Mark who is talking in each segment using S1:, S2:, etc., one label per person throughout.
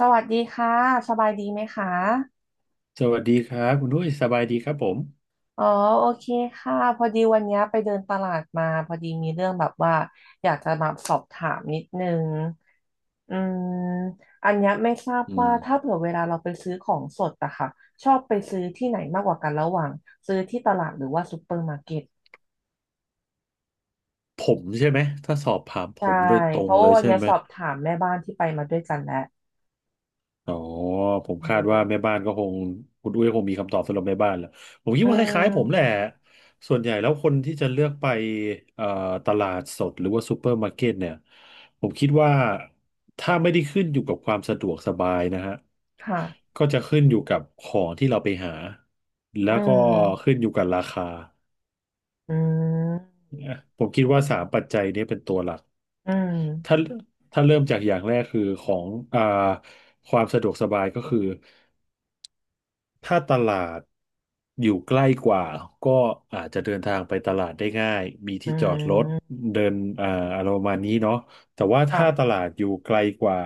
S1: สวัสดีค่ะสบายดีไหมคะ
S2: สวัสดีครับคุณด้วยสบายดีครับผม
S1: อ๋อโอเคค่ะพอดีวันเนี้ยไปเดินตลาดมาพอดีมีเรื่องแบบว่าอยากจะมาสอบถามนิดนึงอืมอันเนี้ยไม่ทราบ
S2: อื
S1: ว่า
S2: ม
S1: ถ้าเผื่อเวลาเราไปซื้อของสดอะค่ะชอบไปซื้อที่ไหนมากกว่ากันระหว่างซื้อที่ตลาดหรือว่าซูเปอร์มาร์เก็ต
S2: ผมใช่ไหมถ้าสอบถามผ
S1: ใช่
S2: มโดยตร
S1: เพ
S2: ง
S1: ราะ
S2: เล
S1: ว่า
S2: ย
S1: วัน
S2: ใช่
S1: เนี้ย
S2: ไหม
S1: สอบถามแม่บ้านที่ไปมาด้วยกันแล้ว
S2: อ๋อผ
S1: อื
S2: มคาดว่าแม่
S1: ม
S2: บ้านก็คงคุณด้ยคงมีคำตอบสำหรับแม่บ้านแหละผมคิด
S1: อื
S2: ว่าคล้ายๆผมแหละ
S1: ม
S2: ส่วนใหญ่แล้วคนที่จะเลือกไปเอ่อตลาดสดหรือว่าซูเปอร์มาร์เก็ตเนี่ยผมคิดว่าถ้าไม่ได้ขึ้นอยู่กับความสะดวกสบายนะฮะ
S1: ค่ะ
S2: ก็จะขึ้นอยู่กับของที่เราไปหาแล้
S1: อื
S2: วก็ขึ้
S1: ม
S2: นอยู่กับราคา
S1: อืม
S2: เนี่ยผมคิดว่าสามปัจจัยนี้เป็นตัวหลัก
S1: อื
S2: ถ้า
S1: ม
S2: ถ้าเริ่มจากอย่างแรกคือของอ่าความสะดวกสบายก็คือ ถ้าตลาดอยู่ใกล้กว่าก็อาจจะเดินทางไปตลาดได้ง่ายมี
S1: อื
S2: ที่จอดรถ
S1: ม
S2: เดินอ่าอะไรประมาณนี้เนาะแต่ว่าถ้าต
S1: ค่ะ
S2: ลาดอยู่ไกลกว่า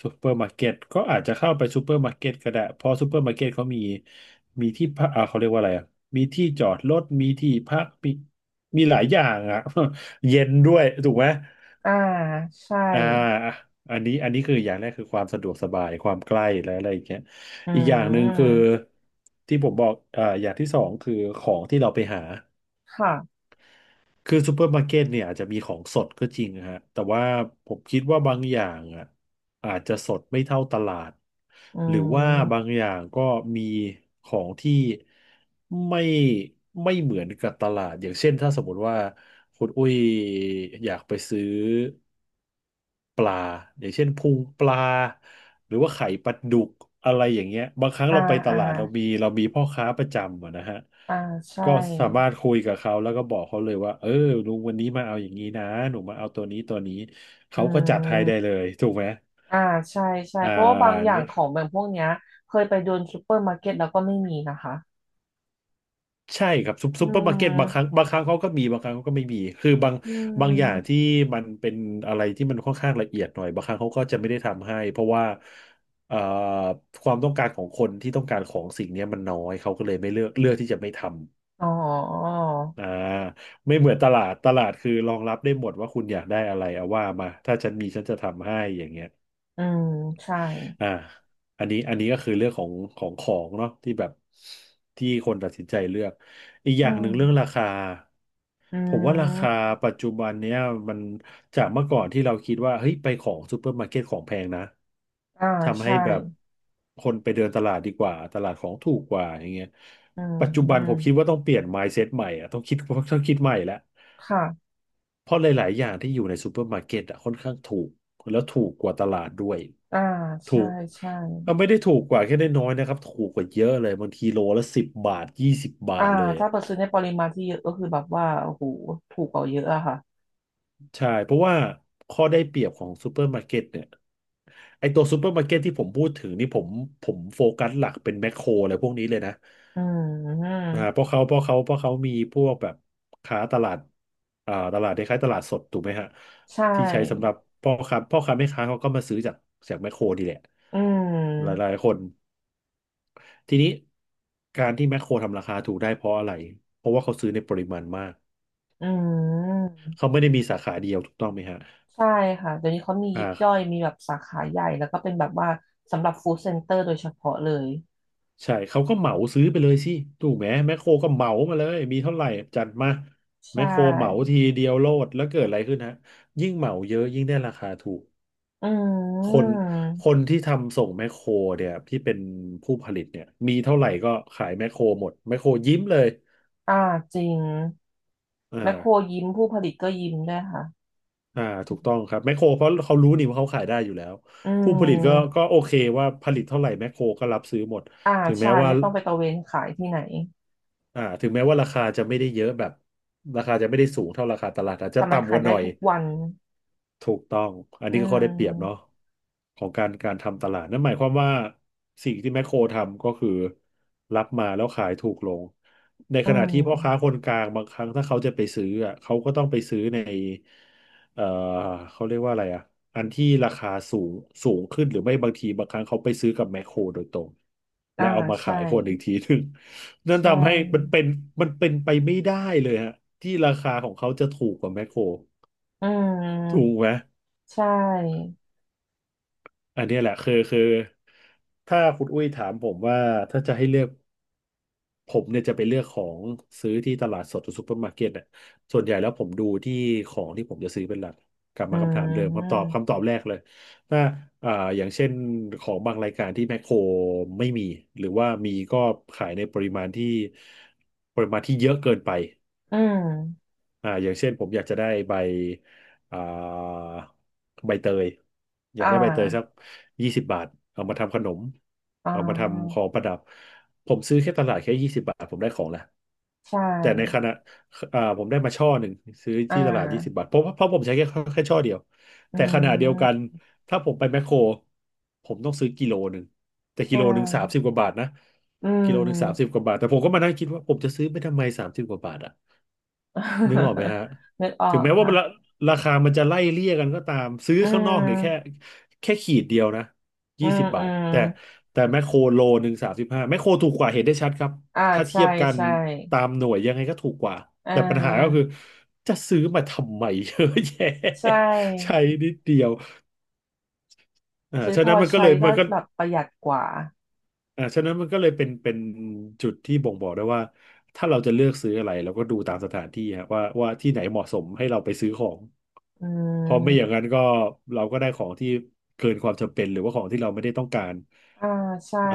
S2: ซูเปอร์มาร์เก็ตก็อาจจะเข้าไปซูเปอร์มาร์เก็ตก็ได้เพราะซูเปอร์มาร์เก็ตเขามีมีที่พักอ่าเขาเรียกว่าอะไรอ่ะมีที่จอดรถมีที่พักมีหลายอย่างอ่ะ เย็นด้วยถูกไหม
S1: อ่าใช่
S2: อ่าอันนี้คืออย่างแรกคือความสะดวกสบายความใกล้และอะไรอย่างเงี้ย
S1: อื
S2: อีกอย่างหนึ่งคือ
S1: ม
S2: ที่ผมบอกอ่าอย่างที่สองคือของที่เราไปหา
S1: ค่ะ
S2: คือซูเปอร์มาร์เก็ตเนี่ยอาจจะมีของสดก็จริงฮะแต่ว่าผมคิดว่าบางอย่างอ่ะอาจจะสดไม่เท่าตลาด
S1: อื
S2: หรือว่าบาง
S1: ม
S2: อย่างก็มีของที่ไม่ไม่เหมือนกับตลาดอย่างเช่นถ้าสมมติว่าคุณอุ้ยอยากไปซื้อ ปลาอย่างเช่นพุงปลา หรือว่าไข่ปลาดุกอะไรอย่างเงี้ยบางครั้ง
S1: อ่า
S2: เราไปต
S1: อ่า
S2: ลาดเรามีพ่อค้าประจำอะนะฮะ
S1: อ่าใช่
S2: ก็สามารถคุยกับเขาแล้วก็บอกเขาเลยว่าเออลุงวันนี้มาเอาอย่างนี้นะหนูมาเอาตัวนี้ตัวนี้
S1: อื
S2: เขาก็จัดให้ได้
S1: ม
S2: เลยถูกไหม
S1: อ่าใช่ใช่
S2: อ่
S1: เพราะว่าบางอย่า
S2: า
S1: งของแบบพวกเนี้ยเคยไปเดินซูเปอร์มาร์เก็ตแล้วก็ไม่มีนะคะ
S2: ใช่ครับซุป
S1: อื
S2: ซุปเปอร์มาร์เก็ตบางครั้ง
S1: ม
S2: บางครั้งเขาก็มีบางครั้งเขาก็ไม่มีคือบาง
S1: อื
S2: บางอย่าง
S1: ม
S2: ที่มันเป็นอะไรที่มันค่อนข้างละเอียดหน่อยบางครั้งเขาก็จะไม่ได้ทำให้เพราะว่าเอ่อความต้องการของคนที่ต้องการของสิ่งเนี้ยมันน้อยเขาก็เลยไม่เลือกเลือกที่จะไม่ทำ
S1: อ๋อ
S2: อ่าไม่เหมือนตลาดตลาดคือรองรับได้หมดว่าคุณอยากได้อะไรเอาว่ามาถ้าฉันมีฉันจะทำให้อย่างเงี้ย
S1: อืมใช่
S2: อ่าอันนี้ก็คือเรื่องของของเนาะที่แบบที่คนตัดสินใจเลือกอีกอ
S1: อื
S2: ย่างห
S1: ม
S2: นึ่งเรื่องราคา
S1: อื
S2: ผมว่าราคา
S1: ม
S2: ปัจจุบันเนี้ยมันจากเมื่อก่อนที่เราคิดว่าเฮ้ยไปของซูเปอร์มาร์เก็ตของแพงนะ
S1: อ่า
S2: ทำให้
S1: ใช่
S2: แบบคนไปเดินตลาดดีกว่าตลาดของถูกกว่าอย่างเงี้ย
S1: อื
S2: ปัจจุบันผมคิด
S1: ม
S2: ว่าต้องเปลี่ยน mindset ใหม่อะต้องคิดต้องคิดใหม่แล้ว
S1: ค่ะ
S2: เพราะหลายๆอย่างที่อยู่ในซูเปอร์มาร์เก็ตอะค่อนข้างถูกแล้วถูกกว่าตลาดด้วย
S1: อ่า
S2: ถู
S1: ใช่
S2: ก
S1: ใช่
S2: ก็ไม่ได้ถูกกว่าแค่ได้น้อยนะครับถูกกว่าเยอะเลยบางทีโลละสิบบาทยี่สิบบา
S1: อ่า
S2: ทเลย
S1: ถ้า
S2: อะ
S1: เปิดซื้อในปริมาณที่เยอะก็คือแบบว่าโอ้โหถูกกว่าเยอะอะค่ะ
S2: ใช่เพราะว่าข้อได้เปรียบของซูเปอร์มาร์เก็ตเนี่ยไอตัวซูเปอร์มาร์เก็ตที่ผมพูดถึงนี่ผมโฟกัสหลักเป็นแมคโครอะไรพวกนี้เลยนะ
S1: อื
S2: อ่าเพ
S1: ม
S2: ราะเขาเพราะเขาเพราะเขามีพวกแบบค้าตลาดอ่าตลาดคล้ายๆตลาดสดถูกไหมฮะ
S1: ใช
S2: ที่ใช้สำห
S1: ่
S2: รับพ่อค้าแม่ค้าเขาก็มาซื้อจากแมคโครดีแหละ
S1: อื
S2: ห
S1: ม
S2: ลายๆคนทีนี้การที่แมคโครทำราคาถูกได้เพราะอะไรเพราะว่าเขาซื้อในปริมาณมาก
S1: อื
S2: เขา
S1: ม
S2: ไม่ได้มีสาขาเดียวถูกต้องไหมฮะ
S1: ใช่ค่ะเดี๋ยวนี้เขามี
S2: อ
S1: ยิบย่อย
S2: ่า
S1: มีแบบสาขาใหญ่แล้วก็เป็นแบบว่าสำหรับฟู้ดเซ็นเตอร์โดยเฉพาะเลย
S2: ใช่เขาก็เหมาซื้อไปเลยสิถูกไหมแมคโครก็เหมามาเลยมีเท่าไหร่จัดมา
S1: ใช
S2: แมคโครเหมา
S1: ่
S2: ทีเดียวโลดแล้วเกิดอะไรขึ้นฮะยิ่งเหมาเยอะยิ่งได้ราคาถูก
S1: อื
S2: คน
S1: ม
S2: คนที่ทำส่งแมคโครเนี่ยที่เป็นผู้ผลิตเนี่ยมีเท่าไหร่ก็ขายแมคโครหมดแมคโครยิ้มเลย
S1: อ่าจริง
S2: อ่
S1: แมคโคร
S2: า
S1: ยิ้มผู้ผลิตก็ยิ้มด้วยค่ะ
S2: อ่าถูกต้องครับแมคโครเพราะเขารู้นี่ว่าเขาขายได้อยู่แล้ว
S1: อื
S2: ผู้ผลิตก็
S1: ม
S2: ก็โอเคว่าผลิตเท่าไหร่แมคโครก็รับซื้อหมด
S1: อ่า
S2: ถึง
S1: ใช่
S2: แม้ว่า
S1: ไม่ต้องไปตระเวนขายที่ไหน
S2: อ่าถึงแม้ว่าราคาจะไม่ได้เยอะแบบราคาจะไม่ได้สูงเท่าราคาตลาดอาจจะ
S1: แต่มัน
S2: ต่ำก
S1: ขาย
S2: ว่าห
S1: ได้
S2: น่อย
S1: ทุกวัน
S2: ถูกต้อง อัน
S1: อื
S2: นี้ก็ข้อได้เปรียบเนาะ
S1: ม
S2: ของการทำตลาดนั่นหมายความว่าสิ่งที่แมคโครทำก็คือรับมาแล้วขายถูกลง ใน
S1: อื
S2: ขณะที่พ่อค้าค
S1: ม
S2: นกลางบางครั้งถ้าเขาจะไปซื้ออ่ะเขาก็ต้องไปซื้อในเอ่อเขาเรียกว่าอะไรอ่ะอันที่ราคาสูงสูงขึ้นหรือไม่บางทีบางครั้งเขาไปซื้อกับแมคโครโดยตรงและ
S1: อ่า
S2: เอามา
S1: ใช่
S2: ขายคนอีกทีหนึ่งนั่น
S1: ใช่
S2: ทำให้มันเป็นมันเป็นไปไม่ได้เลยฮะที่ราคาของเขาจะถูกกว่าแมคโคร
S1: อื
S2: ถูก
S1: ม
S2: ไหม
S1: ใช่
S2: อันเนี้ยแหละคือถ้าคุณอุ้ยถามผมว่าถ้าจะให้เลือกผมเนี่ยจะไปเลือกของซื้อที่ตลาดสดหรือซูเปอร์มาร์เก็ตเนี่ยส่วนใหญ่แล้วผมดูที่ของที่ผมจะซื้อเป็นหลักกลับ
S1: อื
S2: มาคำถามเดิมคำตอบ
S1: ม
S2: คำตอบแรกเลยถ้าอ่าอย่างเช่นของบางรายการที่แมคโครไม่มีหรือว่ามีก็ขายในปริมาณที่ปริมาณที่เยอะเกินไป
S1: อืม
S2: อ่าอย่างเช่นผมอยากจะได้ใบอ่าใบเตยอยา
S1: อ่
S2: กได้ใบเตยสัก
S1: า
S2: ยี่สิบบาทเอามาทำขนม
S1: อ่
S2: เอามาทำข
S1: า
S2: องประดับผมซื้อแค่ตลาดแค่ยี่สิบบาทผมได้ของแล้ว
S1: ใช่
S2: แต่ในขณะอ่าผมได้มาช่อหนึ่งซื้อ
S1: อ่
S2: ที่ตลาดยี่สิบบา
S1: า
S2: ทเพราะผมใช้แค่แค่ช่อเดียว
S1: อื
S2: แต่ขณะเดียวกัน
S1: ม
S2: ถ้าผมไปแมคโครผมต้องซื้อกิโลหนึ่งแต่กิ
S1: ใช่
S2: โลหนึ่งสามสิบกว่าบาทนะ
S1: อืม
S2: กิโลหนึ่งสามสิบกว่าบาทแต่ผมก็มานั่งคิดว่าผมจะซื้อไปทำไมสามสิบกว่าบาทอ่ะ นึกออกไหม ฮะ
S1: นึกออ
S2: ถึง
S1: ก
S2: แม้ว่า
S1: ค่ะ
S2: ราราคามันจะไล่เลี่ยกันก็ตามซื้อ
S1: อื
S2: ข้างนอกเนี่ยแค่
S1: ม
S2: แค่ขีดเดียวนะ
S1: อื
S2: ยี่
S1: ม
S2: สิบ
S1: อื
S2: บาท
S1: ม
S2: แต่แต่แมคโคร1 โล 35แมคโครถูกกว่าเห็นได้ชัดครับ
S1: อ่า
S2: ถ้าเที
S1: ใช่
S2: ยบกัน
S1: ใช่
S2: ตามหน่วยยังไงก็ถูกกว่า
S1: อ่
S2: แต่ปัญหาก็
S1: า
S2: คือจะซื้อมาทำไม เยอะแยะ
S1: ใช
S2: ใช้
S1: ่
S2: นิดเดียวอ่า
S1: ซื้อ
S2: ฉะ
S1: พอ
S2: นั้นมันก็
S1: ใช้
S2: เลย
S1: ก็
S2: มันก็
S1: แบบประหยัดกว่า
S2: อ่าฉะนั้นมันก็เลยเป็นเป็นจุดที่บ่งบอกได้ว่าถ้าเราจะเลือกซื้ออะไรเราก็ดูตามสถานที่ฮะว่าว่าที่ไหนเหมาะสมให้เราไปซื้อของ
S1: อื
S2: เพราะไม่อย่า
S1: ม
S2: งนั้นก็เราก็ได้ของที่เกินความจำเป็นหรือว่าของที่เราไม่ได้ต้องการ
S1: อ่าใช่
S2: อ่า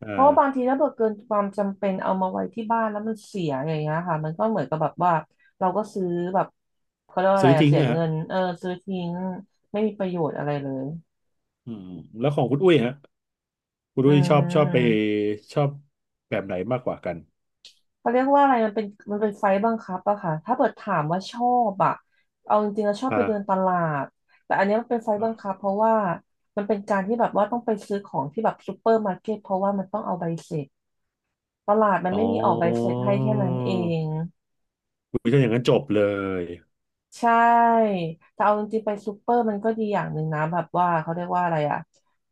S2: อ่า
S1: เพราะว่าบางทีถ้าเกิดเกินความจำเป็นเอามาไว้ที่บ้านแล้วมันเสียอย่างเงี้ยค่ะมันก็เหมือนกับแบบว่าเราก็ซื้อแบบเขาเรียกว่าอะ
S2: ซื้
S1: ไร
S2: อ
S1: อะ
S2: ทิ้ง
S1: เสีย
S2: อะฮะ
S1: เงินเออซื้อทิ้งไม่มีประโยชน์อะไรเลย
S2: อืมแล้วของคุณอุ้ยฮะคุณ
S1: อื
S2: อุ้ยชอบชอบไป
S1: ม
S2: ชอบแบบไหนมากกว่ากัน
S1: เขาเรียกว่าอะไรมันเป็นไฟบังคับอะค่ะถ้าเกิดถามว่าชอบอะเอาจริงๆแล้วชอบไปเดินต
S2: อ่า
S1: ลาดแต่อันเนี้ยมันเป็นไฟบังคับเพราะว่ามันเป็นการที่แบบว่าต้องไปซื้อของที่แบบซูเปอร์มาร์เก็ตเพราะว่ามันต้องเอาใบเสร็จตลาดมัน
S2: อ๋อ
S1: ไม่มีออกใบเสร็จให้แค่นั้นเอง
S2: คุณอุ้ยถ้าอย่างนั้นจบเลย
S1: ใช่ แต่เอาจริงๆไปซูเปอร์มันก็ดีอย่างหนึ่งนะแบบว่าเขาเรียกว่าอะไรอ่ะ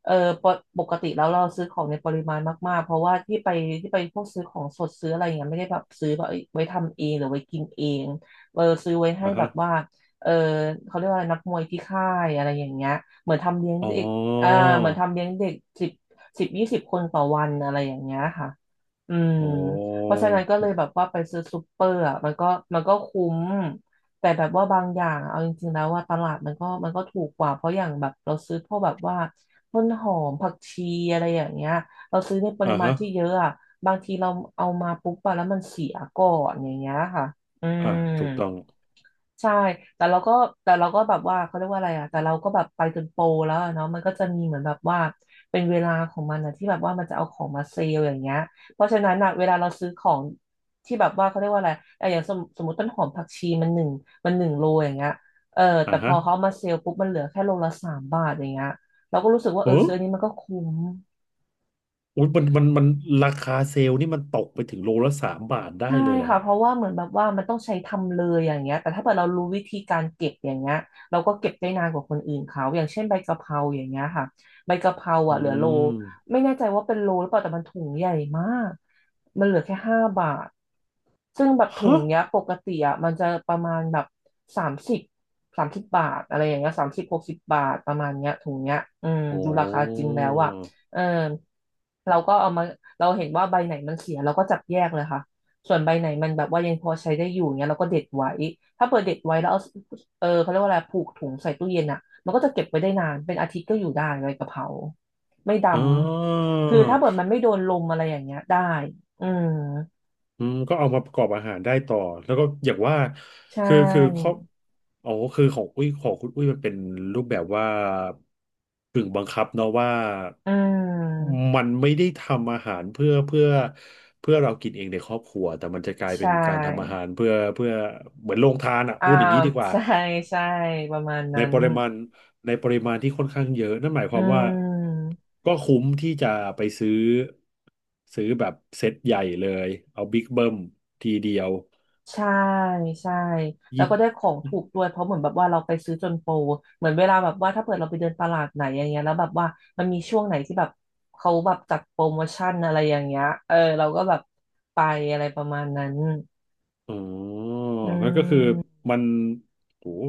S1: เออปกปกติแล้วเราซื้อของในปริมาณมากๆเพราะว่าที่ไปพวกซื้อของสดซื้ออะไรอย่างเงี้ยไม่ได้แบบซื้อแบบเอ้ยไว้ทำเองหรือไว้กินเองเออซื้อไว้ให้
S2: อ่า
S1: แบ
S2: ฮะ
S1: บว่าเออเขาเรียกว่าอะไรนักมวยที่ค่ายอะไรอย่างเงี้ยเหมือนทำเลี้ยง
S2: อ๋อ
S1: เด็กอ่าเหมือนทำเลี้ยงเด็กสิบสิบยี่สิบคนต่อวันอะไรอย่างเงี้ยค่ะ อืม
S2: โอ้
S1: เพราะฉะนั้นก็เลยแบบว่าไปซื้อซูเปอร์อ่ะมันก็คุ้ม แต่แบบว่าบางอย่างอะเอาจริงๆแล้วว่าตลาดมันก็ถูกกว่าเพราะอย่างแบบเราซื้อพวกแบบว่าต้นหอมผักชีอะไรอย่างเงี้ยเราซื้อในป
S2: อ่า
S1: ริมาณ
S2: ฮะ
S1: ที่เยอะอ่ะบางทีเราเอามาปุ๊บไปแล้วมันเสียก่อนอย่างเงี้ยค่ะอื
S2: อ่า
S1: ม
S2: ถูกต้อง
S1: ใช่แต่เราก็แต่เราก็แบบว่าเขาเรียกว่าอะไรอ่ะแต่เราก็แบบไปจนโปรแล้วอะเนาะมันก็จะมีเหมือนแบบว่าเป็นเวลาของมันนะที่แบบว่ามันจะเอาของมาเซลล์อย่างเงี้ยเพราะฉะนั้นอ่ะเวลาเราซื้อของที่แบบว่าเขาเรียกว่าอะไรอะอย่างสมมติต้นหอมผักชีมันหนึ่งโลอย่างเงี้ยเออ
S2: อ่า
S1: แต่พ
S2: ฮะ
S1: อเขาเอามาเซลล์ปุ๊บมันเหลือแค่โลละ 3 บาทอย่างเงี้ยเราก็รู้สึกว่าเออ
S2: โอ้
S1: ซื้ออันนี้มันก็คุ้ม
S2: อุยมันราคาเซลล์นี่มันตกไปถึงโลละ 3 บาทได้
S1: ใช่
S2: เลยเหรอ
S1: ค่ะ
S2: ฮะ
S1: เพราะว่าเหมือนแบบว่ามันต้องใช้ทำเลยอย่างเงี้ยแต่ถ้าเกิดเรารู้วิธีการเก็บอย่างเงี้ยเราก็เก็บได้นานกว่าคนอื่นเขาอย่างเช่นใบกะเพราอย่างเงี้ยค่ะใบกะเพรา
S2: อื
S1: อ่ะเหลือโล
S2: ม
S1: ไม่แน่ใจว่าเป็นโลหรือเปล่าแต่มันถุงใหญ่มากมันเหลือแค่5 บาทซึ่งแบบถุง
S2: ฮะ
S1: เนี้ยปกติอ่ะมันจะประมาณแบบสามสิบสามสิบบาทอะไรอย่างเงี้ย30-60 บาทประมาณเนี้ยถุงเนี้ยอืม
S2: โอ
S1: ดูราคาจริง
S2: ้
S1: แล้วอ่ะเออเราก็เอามาเราเห็นว่าใบไหนมันเสียเราก็จับแยกเลยค่ะ ส่วนใบไหนมันแบบว่ายังพอใช้ได้อยู่เงี้ยเราก็เด็ดไว้ ถ้าเปิดเด็ดไว้แล้วเอาเออเขาเรียกว่าอะไรผูกถุงใส่ตู้เย็นอ่ะมันก็จะเก็บไว้ได้นาน เป็นอาทิตย์ก็อยู่ได้ใบกะเพราไม่ด
S2: อ่า
S1: ำ คือถ้าเปิดมันไม่โดนลมอะไรอย่างเงี้ยได้ อืม
S2: อืมก็เอามาประกอบอาหารได้ต่อ แล้วก็อย่างว่า
S1: ใช่
S2: คือคือครอบอ๋อคือของอุ้ยของคุณอุ้ยมันเป็นรูปแบบว่าถึงบังคับเนาะว่า
S1: อืม
S2: มันไม่ได้ทำอาหารเพื่อเพื่อเรากินเองในครอบครัวแต่มันจะกลายเป็
S1: ใช่
S2: นการทำอาหารเพื่อเหมือนโรงทานอ่ะ
S1: อ่า
S2: พูดอย่างนี้ดีก ว่า
S1: ใช่ใช่ประมาณ
S2: ใน
S1: นั้น
S2: ปริมาณในปริมาณที่ค่อนข้างเยอะนั่นหมายค
S1: อื
S2: วามว่า
S1: ม
S2: ก็คุ้มที่จะไปซื้อซื้อแบบเซ็ตใหญ่เลยเอาบิ๊กเบิ้มทีเดียว
S1: ใช่ใช่แล้
S2: ยี่
S1: วก็ได้ของถูกด้วยเพราะเหมือนแบบว่าเราไปซื้อจนโปรเหมือนเวลาแบบว่าถ้าเปิดเราไปเดินตลาดไหนอย่างเงี้ยแล้วแบบว่ามันมีช่วงไหนที่แบบเขาแบบจัดโปรโมชั่นอะไรอย่างเงี้ยเออเราก็แบบไปอะไรประมาณนั้น
S2: อ๋อ
S1: อื
S2: งั้นก็คือ
S1: ม
S2: มันโอ้โห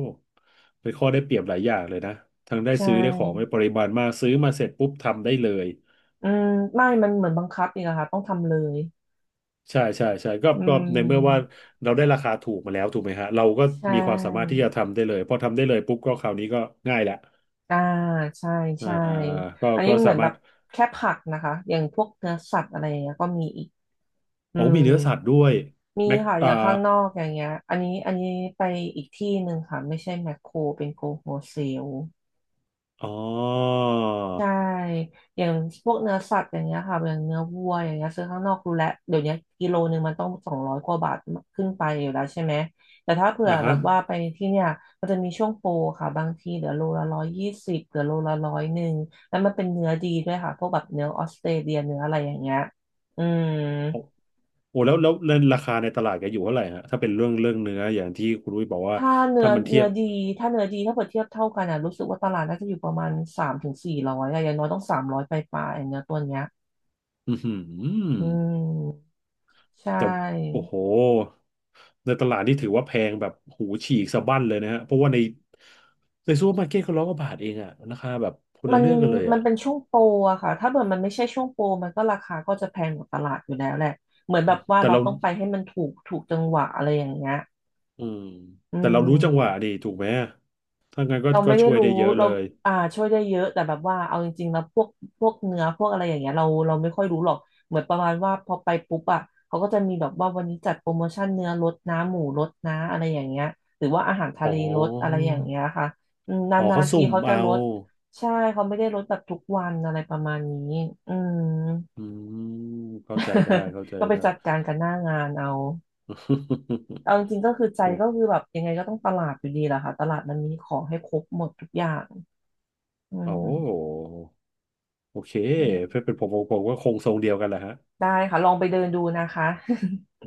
S2: เป็นข้อได้เปรียบหลายอย่างเลยนะทั้งได้
S1: ใช่
S2: ซื้อได้ของในปริมาณมากซื้อมาเสร็จปุ๊บทำได้เลย
S1: อืมไม่มันเหมือนบังคับอีกอะค่ะต้องทำเลย
S2: ใช่ใช่ใช่ก็
S1: อื
S2: ก็ในเมื่อว่า
S1: ม
S2: เราได้ราคาถูกมาแล้วถูกไหมฮะเราก็
S1: ใช่
S2: มีความสามารถที่จะทำได้เลยพอทำได้เลยปุ๊บก็คราวนี้ก็ง่ายละ
S1: อ่าใช่
S2: อ่า
S1: ใช่
S2: ก็
S1: อันนี้
S2: ก็
S1: เหมื
S2: สา
S1: อนแบ
S2: มาร
S1: บ
S2: ถ
S1: แค่ผักนะคะอย่างพวกเนื้อสัตว์อะไรอย่างเงี้ยก็มีอีกอื
S2: โอ้
S1: ม
S2: มีเนื้อสัตว์ด้วย
S1: มี
S2: แม็ก
S1: ค่ะอ
S2: อ่า
S1: ย่างข้างนอกอย่างเงี้ยอันนี้อันนี้ไปอีกที่หนึ่งค่ะไม่ใช่แมคโครเป็นโกโฮเซล
S2: อ๋อ
S1: ใช่อย่างพวกเนื้อสัตว์อย่างเงี้ยค่ะอย่างเนื้อวัวอย่างเงี้ยซื้อข้างนอกรู้แล้วเดี๋ยวนี้กิโลหนึ่งมันต้อง200กว่าบาทขึ้นไปอยู่แล้วใช่ไหมแต่ถ้าเผื่อ
S2: อ่า
S1: แบ
S2: ฮะ
S1: บว่าไปที่เนี่ยมันจะมีช่วงโปรค่ะบางทีเหลือโลละ120เหลือโลละ101แล้วมันเป็นเนื้อดีด้วยค่ะพวกแบบเนื้อออสเตรเลียเนื้ออะไรอย่างเงี้ยอืม
S2: โอ้โอ้แล้วราคาในตลาดแกอยู่เท่าไหร่ฮะถ้าเป็นเรื่องเนื้ออย่างที่คุณรุ้ยบอกว่า
S1: ถ้าเนื้
S2: ถ้า
S1: อ
S2: มันเที
S1: เนื้
S2: ย
S1: อ
S2: บ
S1: ดีถ้าเนื้อดีถ้าเปรียบเทียบเท่ากันอ่ะรู้สึกว่าตลาดน่าจะอยู่ประมาณ300-400อะอย่างน้อยต้อง300ไปปลายๆเนื้อตัวเนี้ย
S2: อือหื
S1: อื
S2: อ
S1: มใช
S2: แต่โอ้
S1: ่
S2: โหในตลาดนี่ถือว่าแพงแบบหูฉีกสะบั้นเลยนะฮะเพราะว่าในในซูเปอร์มาร์เก็ตเขาร้อยกว่าบาทเองอะราคาแบบคน
S1: มั
S2: ละ
S1: น
S2: เรื่องกันเลย
S1: มัน
S2: อะ
S1: เป็นช่วงโปรอะค่ะถ้าเกิดมันไม่ใช่ช่วงโปรมันก็ราคาก็จะแพงกว่าตลาดอยู่แล้วแหละเหมือนแบบว่า
S2: แต่
S1: เรา
S2: เรา
S1: ต้องไปให้มันถูกจังหวะอะไรอย่างเงี้ย
S2: อืม
S1: อื
S2: แต่เรารู้จังหวะ
S1: ม
S2: ดีถูกไหมถ้างั้นก็
S1: เรา
S2: ก็
S1: ไม่ได้
S2: ช่วย
S1: รู้
S2: ได้เยอะ
S1: เรา
S2: เลย
S1: อ่าช่วยได้เยอะแต่แบบว่าเอาจริงๆแล้วพวกเนื้อพวกอะไรอย่างเงี้ยเราไม่ค่อยรู้หรอกเหมือนประมาณว่าพอไปปุ๊บอ่ะเขาก็จะมีแบบว่าวันนี้จัดโปรโมชั่นเนื้อลดนะหมูลดนะอะไรอย่างเงี้ยหรือว่าอาหารทะ
S2: อ๋อ
S1: เลลดอะไรอย่างเงี้ยค่ะอืมน
S2: อ๋อ
S1: า
S2: เขา
S1: นๆที
S2: สุ่ม
S1: เขาจะ
S2: เอา
S1: ลดใช่เขาไม่ได้ลดแบบทุกวันอะไรประมาณนี้อืม
S2: อืมเข้าใจได้เข้าใจ
S1: ก็ไป
S2: ได้
S1: จัดการกันหน้างานเอาเอาจริงๆก็คื อใจ
S2: โอ้
S1: ก็คือแบบยังไงก็ต้องตลาดอยู่ดีแหละค่ะตลาดมันมีของให้ครบหมดทุกอย่างอื
S2: โอ้
S1: ม
S2: โอเค
S1: อืม
S2: เพื่อเป็นผมก็คงทรงเดียวกันแหละฮะ
S1: ได้ค่ะลองไปเดินดูนะคะ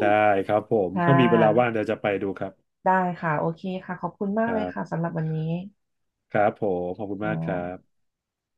S2: ได้ครับผม
S1: ค่
S2: ถ้ามีเวลาว่าง
S1: ะ
S2: เดี๋ยวจะไปดูครับ
S1: ได้ค่ะโอเคค่ะขอบคุณมา
S2: ค
S1: กเล
S2: รั
S1: ย
S2: บ
S1: ค่ะสำหรับวันนี้
S2: ครับผม ขอบคุณ
S1: ค
S2: มากครั
S1: ่ะ
S2: บ